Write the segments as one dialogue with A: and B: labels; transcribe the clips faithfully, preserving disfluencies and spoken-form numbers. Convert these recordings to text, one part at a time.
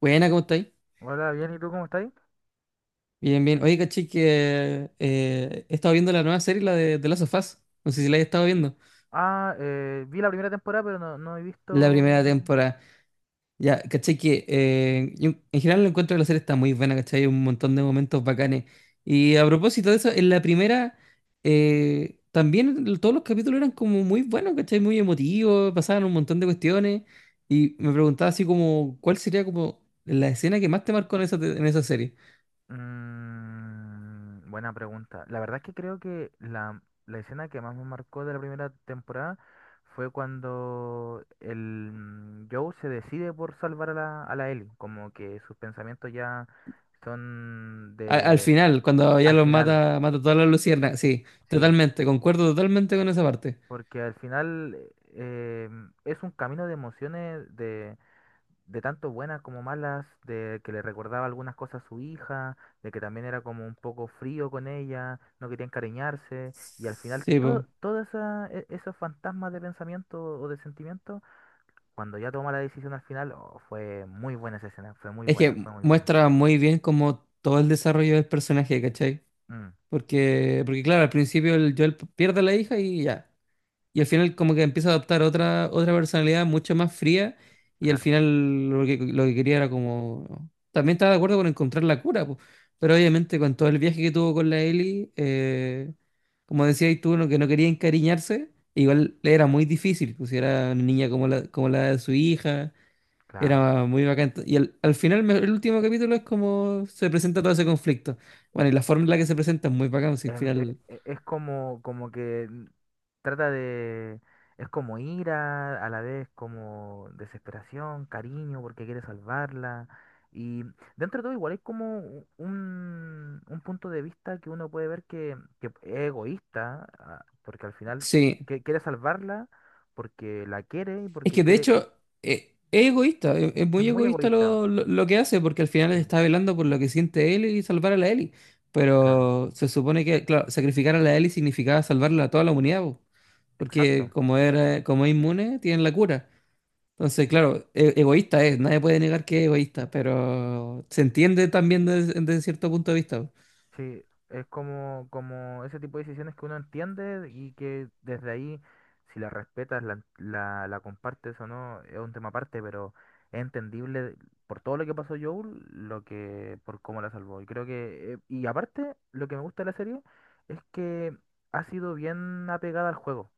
A: Buena, ¿cómo estáis?
B: Hola, bien, ¿y tú cómo estás?
A: Bien, bien. Oye, caché que eh, he estado viendo la nueva serie, la de, de Last of Us. No sé si la hayas estado viendo.
B: Ah, eh, vi la primera temporada, pero no, no he
A: La
B: visto...
A: primera temporada. Ya, caché que eh, yo en general lo encuentro que la serie está muy buena, caché. Hay un montón de momentos bacanes. Y a propósito de eso, en la primera eh, también l- todos los capítulos eran como muy buenos, caché, muy emotivos, pasaban un montón de cuestiones. Y me preguntaba así como, ¿cuál sería como la escena que más te marcó en esa, te- en esa serie?
B: Mm, buena pregunta. La verdad es que creo que la, la escena que más me marcó de la primera temporada fue cuando el mm, Joe se decide por salvar a la, a la Ellie, como que sus pensamientos ya son
A: Al, al
B: de...
A: final, cuando ya
B: Al
A: los
B: final,
A: mata, mata todas las luciernas. Sí,
B: sí,
A: totalmente, concuerdo totalmente con esa parte.
B: porque al final eh, es un camino de emociones de... De tanto buenas como malas, de que le recordaba algunas cosas a su hija, de que también era como un poco frío con ella, no quería encariñarse, y al final
A: Sí, po.
B: todo, todo esa- e- esos fantasmas de pensamiento o de sentimiento, cuando ya toma la decisión al final, oh, fue muy buena esa escena, fue muy
A: Es
B: buena,
A: que
B: fue muy buena.
A: muestra muy bien como todo el desarrollo del personaje, ¿cachai?
B: Mm,
A: Porque, porque claro, al principio el Joel pierde a la hija y ya. Y al final como que empieza a adoptar otra, otra personalidad mucho más fría y al
B: claro,
A: final lo que, lo que quería era como... También estaba de acuerdo con encontrar la cura, po, pero obviamente con todo el viaje que tuvo con la Ellie, eh, como decías tú, no, que no quería encariñarse, igual le era muy difícil, pues si era una niña como la, como la de su hija,
B: claro.
A: era muy bacán. Y al, al final me- el último capítulo es como se presenta todo ese conflicto. Bueno, y la forma en la que se presenta es muy bacán, si al
B: em, e-
A: final...
B: e- Es, como, como que n- trata de... Es como ira, a la vez como desesperación, cariño, porque quiere salvarla. Y dentro de todo igual es como u- un, un punto de vista que uno puede ver que, que es egoísta, ah, porque al final
A: Sí,
B: que- quiere salvarla porque la quiere y
A: es
B: porque
A: que de
B: quiere...
A: hecho eh, es egoísta, es, es
B: Es
A: muy
B: muy
A: egoísta
B: egoísta.
A: lo, lo, lo que hace, porque al final
B: Sí,
A: está velando por lo que siente él y salvar a la Ellie.
B: claro,
A: Pero se supone que, claro, sacrificar a la Ellie significaba salvarla a toda la humanidad, po, porque
B: exacto.
A: como era, como es inmune, tienen la cura. Entonces, claro, e- egoísta es, nadie puede negar que es egoísta, pero se entiende también desde, desde cierto punto de vista. Po.
B: Sí, es como, como ese tipo de decisiones que uno entiende y que desde ahí, si la respetas, la, la, la compartes o no, es un tema aparte, pero es entendible por todo lo que pasó Joel, lo que, por cómo la salvó. Y creo que, eh, y aparte, lo que me gusta de la serie es que ha sido bien apegada al juego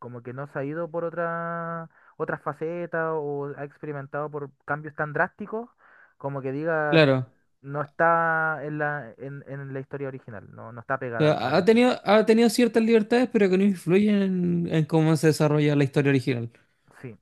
B: como que no se ha ido por otra, otra faceta o ha experimentado por cambios tan drásticos, como que digas,
A: Claro,
B: no está en la, en, en la historia original, no, no está
A: o
B: pegada al- a
A: sea,
B: la
A: ha
B: historia.
A: tenido, ha tenido ciertas libertades, pero que no influyen en en cómo se desarrolla la historia original.
B: Sí,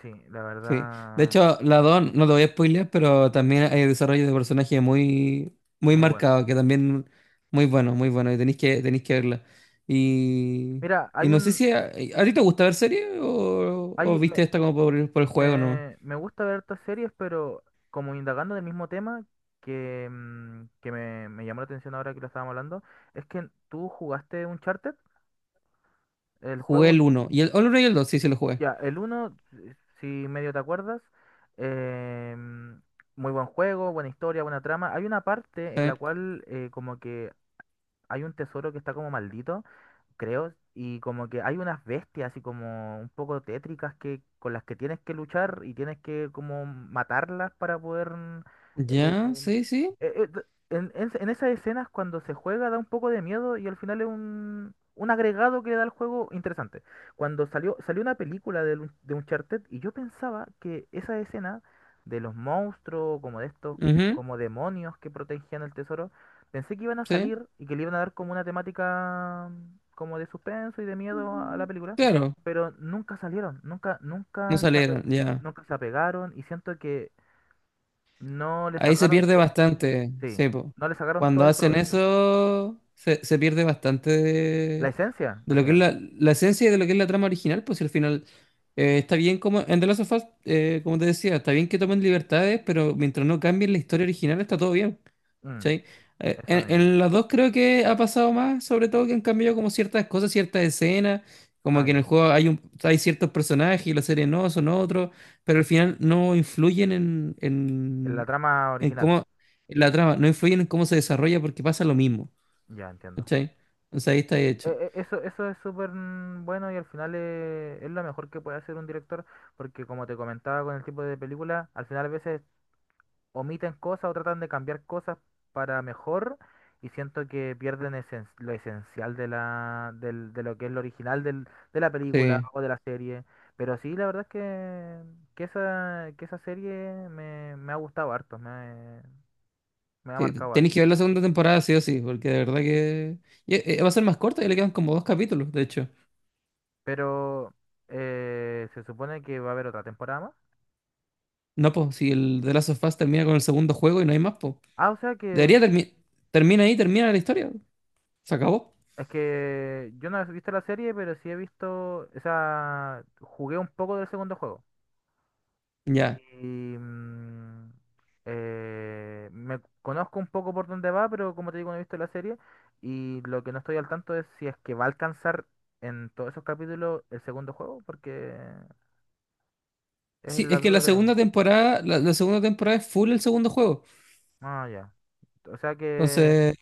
B: sí, la
A: Sí. De
B: verdad,
A: hecho, la dos, no te voy a spoilear, pero también hay desarrollo de personaje muy, muy
B: muy bueno.
A: marcado, que también muy bueno, muy bueno, y tenéis que, tenéis que verla. Y,
B: Mira,
A: y
B: hay
A: no sé
B: un,
A: si a, ¿a ti te gusta ver series o, o
B: hay, me,
A: viste esta como por, el por el juego nomás.
B: me, me gusta ver estas series, pero como indagando del mismo tema, que, mm, que me, me llamó la atención ahora que lo estábamos hablando, es que tú jugaste Uncharted, el
A: Jugué
B: juego.
A: el uno Y el, o el uno y el dos sí, sí lo jugué.
B: Ya, el uno si si medio te acuerdas, em, muy buen juego, buena historia, buena trama. Hay una parte
A: Sí.
B: en la cual eh, como que hay un tesoro que está como maldito creo, y como que hay unas bestias así como un poco tétricas que con las que tienes que luchar y tienes que como matarlas para poder mm, eh,
A: Ya, sí, sí.
B: eh, eh, d- en, en- en esas escenas cuando se juega da un poco de miedo y al final es un, un agregado que le da al juego interesante. Cuando salió, salió una película de, un de Uncharted y yo pensaba que esa escena de los monstruos, como de estos,
A: Ujú,
B: como demonios que protegían el tesoro, pensé que iban a
A: sí.
B: salir y que le iban a dar como una temática mm, como de suspenso y de miedo a la
A: Ujú.
B: película,
A: Claro,
B: pero nunca salieron, nunca,
A: no
B: nunca se ape-
A: salieron, ya.
B: nunca se apegaron y siento que no le
A: Ahí se
B: sacaron
A: pierde
B: to-
A: bastante,
B: sí,
A: sí, po.
B: no le sacaron todo
A: Cuando
B: el
A: hacen
B: provecho.
A: eso, se, se pierde bastante
B: La
A: de,
B: esencia,
A: de
B: al
A: lo que es
B: final.
A: la, la esencia y de lo que es la trama original, pues si al final eh, está bien como en The Last of Us, eh, como te decía, está bien que tomen libertades, pero mientras no cambien la historia original está todo bien.
B: Mm,
A: ¿Sí? Eh,
B: eso
A: en,
B: mismo.
A: en las dos creo que ha pasado más, sobre todo que han cambiado como ciertas cosas, ciertas escenas, como
B: Ah,
A: que en el
B: ya.
A: juego hay un, hay ciertos personajes y la serie no, son otros, pero al final no influyen en,
B: La
A: en,
B: trama
A: en
B: original.
A: cómo en la trama, no influyen en cómo se desarrolla porque pasa lo mismo,
B: Ya entiendo.
A: ¿cachai? O sea, ahí está hecho.
B: E- e- Eso, eso es súper mm, bueno y al final eh, es, lo mejor que puede hacer un director porque como te comentaba con el tipo de película, al final a veces omiten cosas o tratan de cambiar cosas para mejor y siento que pierden esen- lo esencial de la, del- de lo que es lo original del- de la película
A: Sí.
B: o de la serie. Pero sí, la verdad es que, que esa, que esa serie me, me ha gustado harto, me, me ha
A: Sí,
B: marcado
A: tenéis
B: harto.
A: que ver la segunda temporada, sí o sí, porque de verdad que y, eh, va a ser más corta y le quedan como dos capítulos, de hecho.
B: Pero eh, se supone que va a haber otra temporada más.
A: No, pues, si el The Last of Us termina con el segundo juego y no hay más, pues.
B: Ah, o sea que
A: Debería terminar. Termina ahí, termina la historia. Se acabó.
B: es que yo no he visto la serie, pero sí he visto, o sea, jugué un poco del segundo juego.
A: Ya.
B: Y mm, eh, me conozco un poco por dónde va, pero como te digo, no he visto la serie. Y lo que no estoy al tanto es si es que va a alcanzar en todos esos capítulos el segundo juego, porque es
A: Sí,
B: la
A: es que la
B: duda que
A: segunda
B: tengo.
A: temporada, la, la segunda temporada es full el segundo juego.
B: Ah, ya. O sea que,
A: Entonces,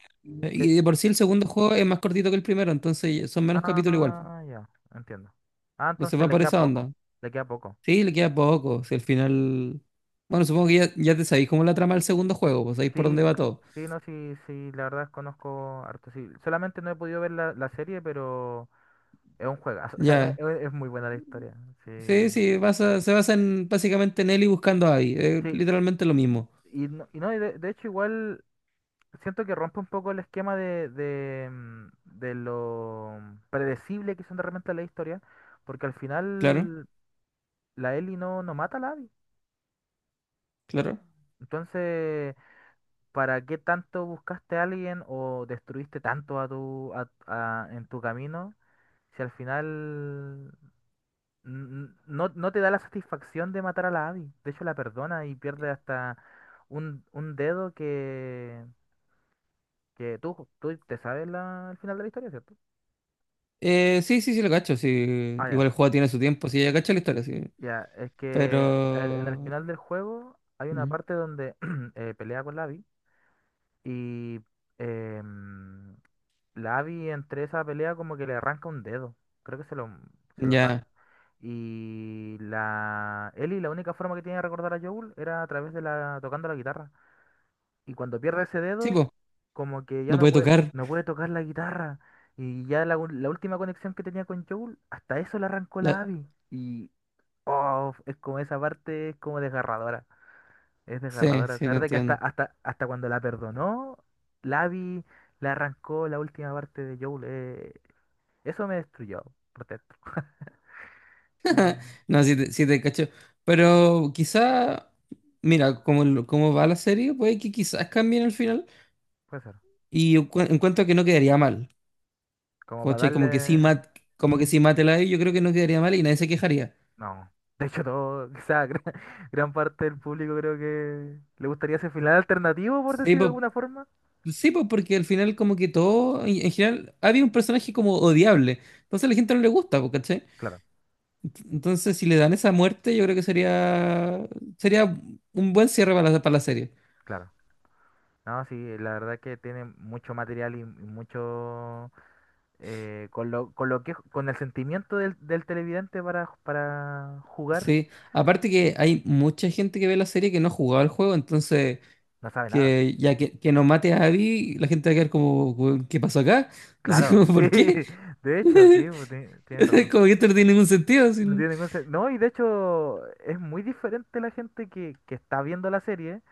B: que-
A: y de por sí el segundo juego es más cortito que el primero, entonces son menos capítulos igual.
B: Ah, ya. Entiendo. Ah,
A: Entonces
B: entonces
A: va
B: le
A: por
B: queda
A: esa
B: poco.
A: onda.
B: Le queda poco.
A: Sí, le queda poco. Si al final. Bueno, supongo que ya, ya te sabéis cómo es la trama del segundo juego, pues sabéis por dónde
B: Sí,
A: va
B: c-
A: todo.
B: sí, no, sí, sí, la verdad es conozco harto. Sí, solamente no he podido ver la, la serie, pero. Es un juegazo, o sea,
A: Ya.
B: es, es muy buena la historia. Sí.
A: Sí, sí, basa- se basa en, básicamente en Ellie buscando a Abby. Eh,
B: Sí,
A: literalmente lo mismo.
B: y no, y no, y de, de hecho igual siento que rompe un poco el esquema de, de, mm, de lo predecible que son de repente la historia, porque al
A: Claro,
B: final la Ellie no, no mata a la Abby.
A: claro.
B: Entonces, ¿para qué tanto buscaste a alguien o destruiste tanto a tu, a- a- en tu camino si al final n- no, no te da la satisfacción de matar a la Abby? De hecho, la perdona y pierde hasta un, un dedo que, que tú, tú te sabes la, el final de la historia, ¿cierto?
A: Eh, sí, sí, sí, lo cacho. Sí.
B: Ah, ya.
A: Igual el juego tiene su tiempo, sí, ya cacho la historia, sí.
B: Ya, es que el- en el
A: Pero.
B: final del juego hay una
A: Mm,
B: parte donde eh, pelea con la Abby y em, la Abby entre esa pelea como que le arranca un dedo. Creo que se lo, se lo saca.
A: ya.
B: Y la Ellie, la única forma que tiene de recordar a Joel era a través de la tocando la guitarra. Y cuando pierde ese
A: Sí,
B: dedo,
A: pues,
B: como que ya
A: no
B: no
A: puede
B: puede,
A: tocar.
B: no puede tocar la guitarra. Y ya la, u- la última conexión que tenía con Joel, hasta eso le arrancó
A: La-
B: la A V I. Y oh, es como esa parte, es como desgarradora. Es
A: sí,
B: desgarradora.
A: sí, te
B: Saber de que hasta,
A: entiendo.
B: hasta, hasta cuando la perdonó, la A V I le arrancó la última parte de Joel. eh, eso me destruyó por dentro. Eh,
A: No, sí, te, sí te cacho. Pero quizá. Mira, como, lo- como va la serie, puede que quizás cambien el final.
B: puede ser.
A: Y yo encu- encuentro que no quedaría mal.
B: Como para
A: ¿Cachai? Como que sí, mat,
B: darle.
A: como que sí mátela ahí, yo creo que no quedaría mal y nadie se quejaría.
B: No. De hecho, todo, quizá gran, gran parte del público creo que le gustaría ese final alternativo, por
A: Sí,
B: decir de alguna forma.
A: sí, pues porque al final como que todo, en en general, había un personaje como odiable. Entonces a la gente no le gusta, pues, ¿cachai?
B: Claro,
A: Ent- Entonces si le dan esa muerte, yo creo que sería sería un buen cierre para la, para la serie.
B: claro. No, sí, la verdad que tiene mucho material y, y mucho eh, con lo, con lo que con el sentimiento del, del televidente para, para jugar,
A: Sí, aparte que hay mucha gente que ve la serie que no ha jugado al juego, entonces
B: no sabe nada.
A: que ya que, que no mate a Abby, la gente va a quedar como, "Weón, ¿qué pasó acá? Así
B: Claro,
A: como,
B: sí,
A: ¿por qué?
B: de hecho, sí, pues, ti- tienes razón.
A: Como que esto no tiene ningún sentido.
B: No
A: Así.
B: tiene ningún sen- No, y de hecho es muy diferente la gente que, que está viendo la serie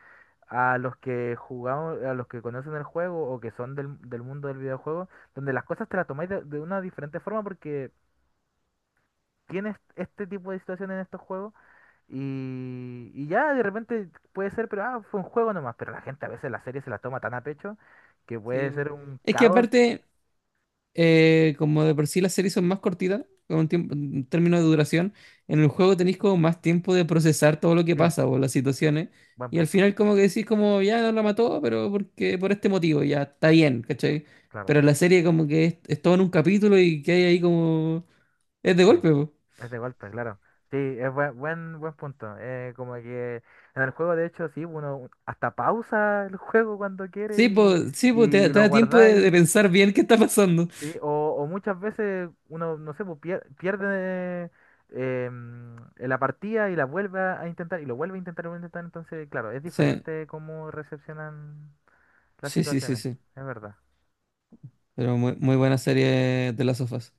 B: a los que jugamos, a los que conocen el juego o que son del, del mundo del videojuego, donde las cosas te las tomáis de, de una diferente forma porque tienes este tipo de situaciones en estos juegos y, y ya de repente puede ser, pero ah, fue un juego nomás, pero la gente a veces la serie se la toma tan a pecho que
A: Sí,
B: puede
A: po.
B: ser un
A: Es que
B: caos.
A: aparte... Eh, como de por sí las series son más cortitas, con un tiempo, en términos de duración, en el juego tenéis como más tiempo de procesar todo lo que
B: Sí,
A: pasa o las situaciones.
B: buen
A: Y al
B: punto,
A: final como que decís como, ya no la mató, pero porque por este motivo, ya está bien, ¿cachai?
B: claro.
A: Pero la serie como que es, es todo en un capítulo y que hay ahí como... Es de
B: Sí.
A: golpe, po.
B: Es de golpe, claro. Sí, es buen, buen, buen punto. Eh, como que en el juego, de hecho, sí, uno hasta pausa el juego cuando quiere
A: Sí,
B: y,
A: pues, sí, po, te,
B: y
A: te
B: lo
A: da tiempo de, de
B: guardáis.
A: pensar bien qué está pasando.
B: Sí, o, o muchas veces uno, no sé, pues, pier- pierde eh, mm, la partida y la vuelve a intentar y lo vuelve a intentar y lo vuelve a intentar. Entonces, claro, es
A: Sí,
B: diferente cómo recepcionan las
A: sí, sí, sí,
B: situaciones.
A: sí.
B: Es verdad.
A: Pero muy, muy buena serie de las sofás.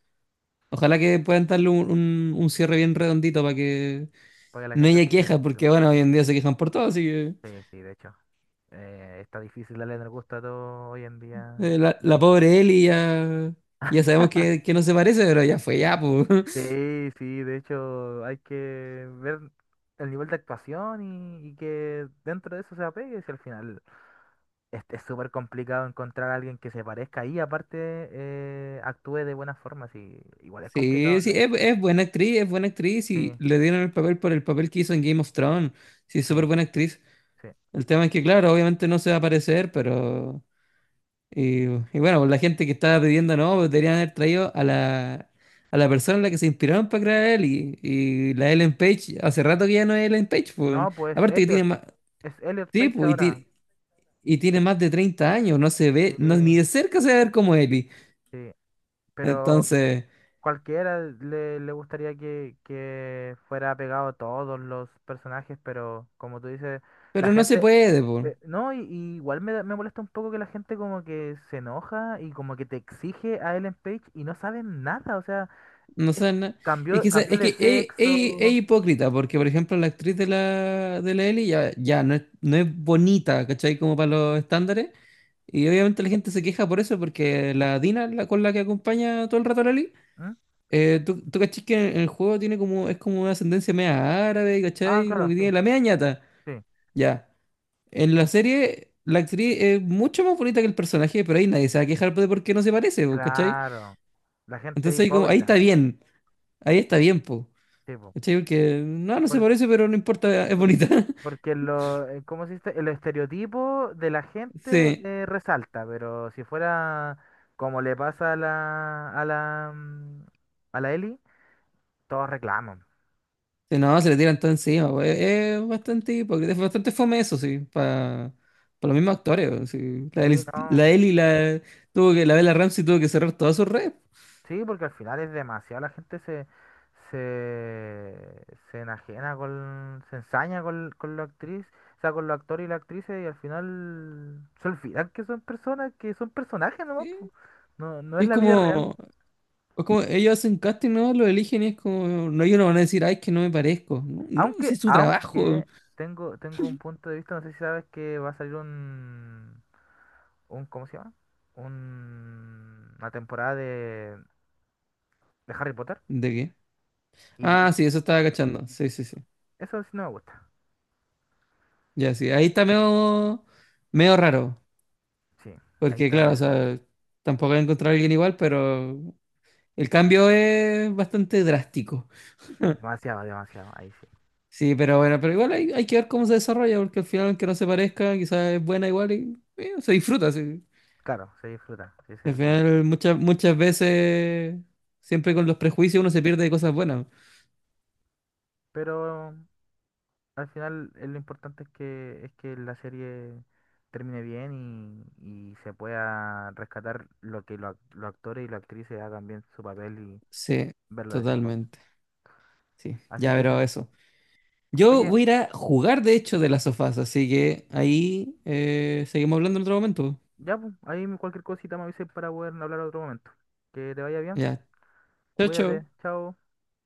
A: Ojalá que puedan darle un, un, un cierre bien redondito para que
B: Porque la
A: no
B: gente
A: ella
B: se queda
A: queja,
B: tranquila.
A: porque bueno, hoy en día se quejan por todo, así que
B: Sí, sí, de hecho. Eh, está difícil darle en el gusto a todo hoy en día.
A: eh, la, la pobre Ellie ya, ya sabemos que, que no se parece, pero ya fue ya, pues.
B: Sí, sí, de hecho hay que ver el nivel de actuación y, y que dentro de eso se apegue, si al final es es súper complicado encontrar a alguien que se parezca y aparte eh, actúe de buena forma, sí, igual es complicado.
A: Sí, sí,
B: La-
A: es, es buena actriz, es buena actriz y
B: sí,
A: le dieron el papel por el papel que hizo en Game of Thrones. Sí,
B: sí,
A: súper buena actriz.
B: sí.
A: El tema es que, claro, obviamente no se va a parecer, pero... Y, y bueno, pues la gente que estaba pidiendo, no, pues deberían haber traído a la, a la persona en la que se inspiraron para crear a Ellie. Y la Ellen Page, hace rato que ya no es Ellen Page, pues.
B: No, pues
A: Aparte que
B: Elliot,
A: tiene más...
B: es Elliot
A: Sí,
B: Page
A: pues, y
B: ahora,
A: tiene... y tiene más de treinta años, no se ve, no, ni
B: sí,
A: de cerca se va a ver como Ellie.
B: sí, pero
A: Entonces,
B: cualquiera le, le gustaría que, que fuera pegado a todos los personajes, pero como tú dices... La
A: pero no se
B: gente,
A: puede, po.
B: Ve- No, y, y igual me, da- me molesta un poco que la gente como que se enoja y como que te exige a Ellen Page y no saben nada, o sea,
A: No
B: es
A: sé, na- es que,
B: cambió,
A: esa-
B: cambió
A: es que
B: de
A: es, es- es
B: sexo.
A: hipócrita, porque por ejemplo la actriz de la, de la Ellie ya, ya no es, no es bonita, ¿cachai? Como para los estándares. Y obviamente la gente se queja por eso, porque la Dina, la con la que acompaña todo el rato a la Ellie,
B: ¿Mm?
A: eh, tú, tú cachis que en el juego tiene como, es como una ascendencia media árabe,
B: Ah,
A: ¿cachai? Como
B: claro,
A: que
B: sí,
A: tiene la media ñata.
B: sí,
A: Ya. En la serie, la actriz es mucho más bonita que el personaje, pero ahí nadie se va a quejar de por qué no se parece, po, ¿cachai?
B: claro. La gente es
A: Entonces ahí, como, ahí está
B: hipócrita,
A: bien, ahí está bien, po,
B: sí, po.
A: ¿cachai? Porque no, no se
B: Por-
A: parece, pero no importa, es
B: por-
A: bonita.
B: porque lo, eh, ¿cómo se dice? El estereotipo de la gente
A: Sí,
B: eh, resalta, pero si fuera como le pasa a la, a la, mm, a la Ellie, todos reclaman.
A: sí, no, se le tiran todo encima, po. Es, es bastante hipócrita, es bastante fome eso, sí, para los mismos actores, po, sí.
B: Sí,
A: La Eli, la
B: no.
A: Eli la, tuvo que, la Bella Ramsey tuvo que cerrar todas sus redes.
B: Sí, porque al final es demasiado, la gente se, se, se enajena con, se ensaña con, con la actriz, o sea, con los actores y las actrices y al final se olvidan que son personas, que son personajes nomás, po.
A: Sí.
B: No, no es
A: Es
B: la vida real.
A: como, es como ellos hacen casting, ¿no? Lo eligen y es como, no, ellos no van a decir, ay, es que no me parezco. No, no, si
B: Aunque,
A: es su trabajo.
B: aunque tengo, tengo un punto de vista, no sé si sabes que va a salir un, un, ¿cómo se llama? Un- una temporada de, de Harry Potter
A: ¿De qué?
B: y, y
A: Ah, sí, eso estaba cachando. Sí, sí, sí.
B: eso sí no me gusta.
A: Ya, sí. Ahí está medio, medio raro.
B: Sí, ahí
A: Porque,
B: está
A: claro, o
B: medio-
A: sea, tampoco voy a encontrar a alguien igual, pero el cambio es bastante drástico.
B: demasiado, demasiado, ahí sí.
A: Sí, pero bueno, pero igual hay, hay que ver cómo se desarrolla, porque al final, aunque no se parezca, quizás es buena igual y eh, se disfruta, sí.
B: Claro, se disfruta, sí, ese es
A: Al
B: el punto.
A: final, muchas, muchas veces, siempre con los prejuicios uno se pierde de cosas buenas.
B: Pero al final eh, lo importante es que, es que la serie termine bien y, y se pueda rescatar lo que lo- los actores y las actrices hagan bien su papel y
A: Sí,
B: verlo de esa forma.
A: totalmente. Sí,
B: Así
A: ya,
B: que
A: pero
B: eso.
A: eso. Yo
B: Oye,
A: voy a ir a jugar, de hecho, de las sofás, así que ahí eh, seguimos hablando en otro momento.
B: ya, pues, ahí cualquier cosita me avisen para poder hablar otro momento. Que te vaya bien,
A: Ya, chao,
B: cuídate,
A: chao.
B: chao.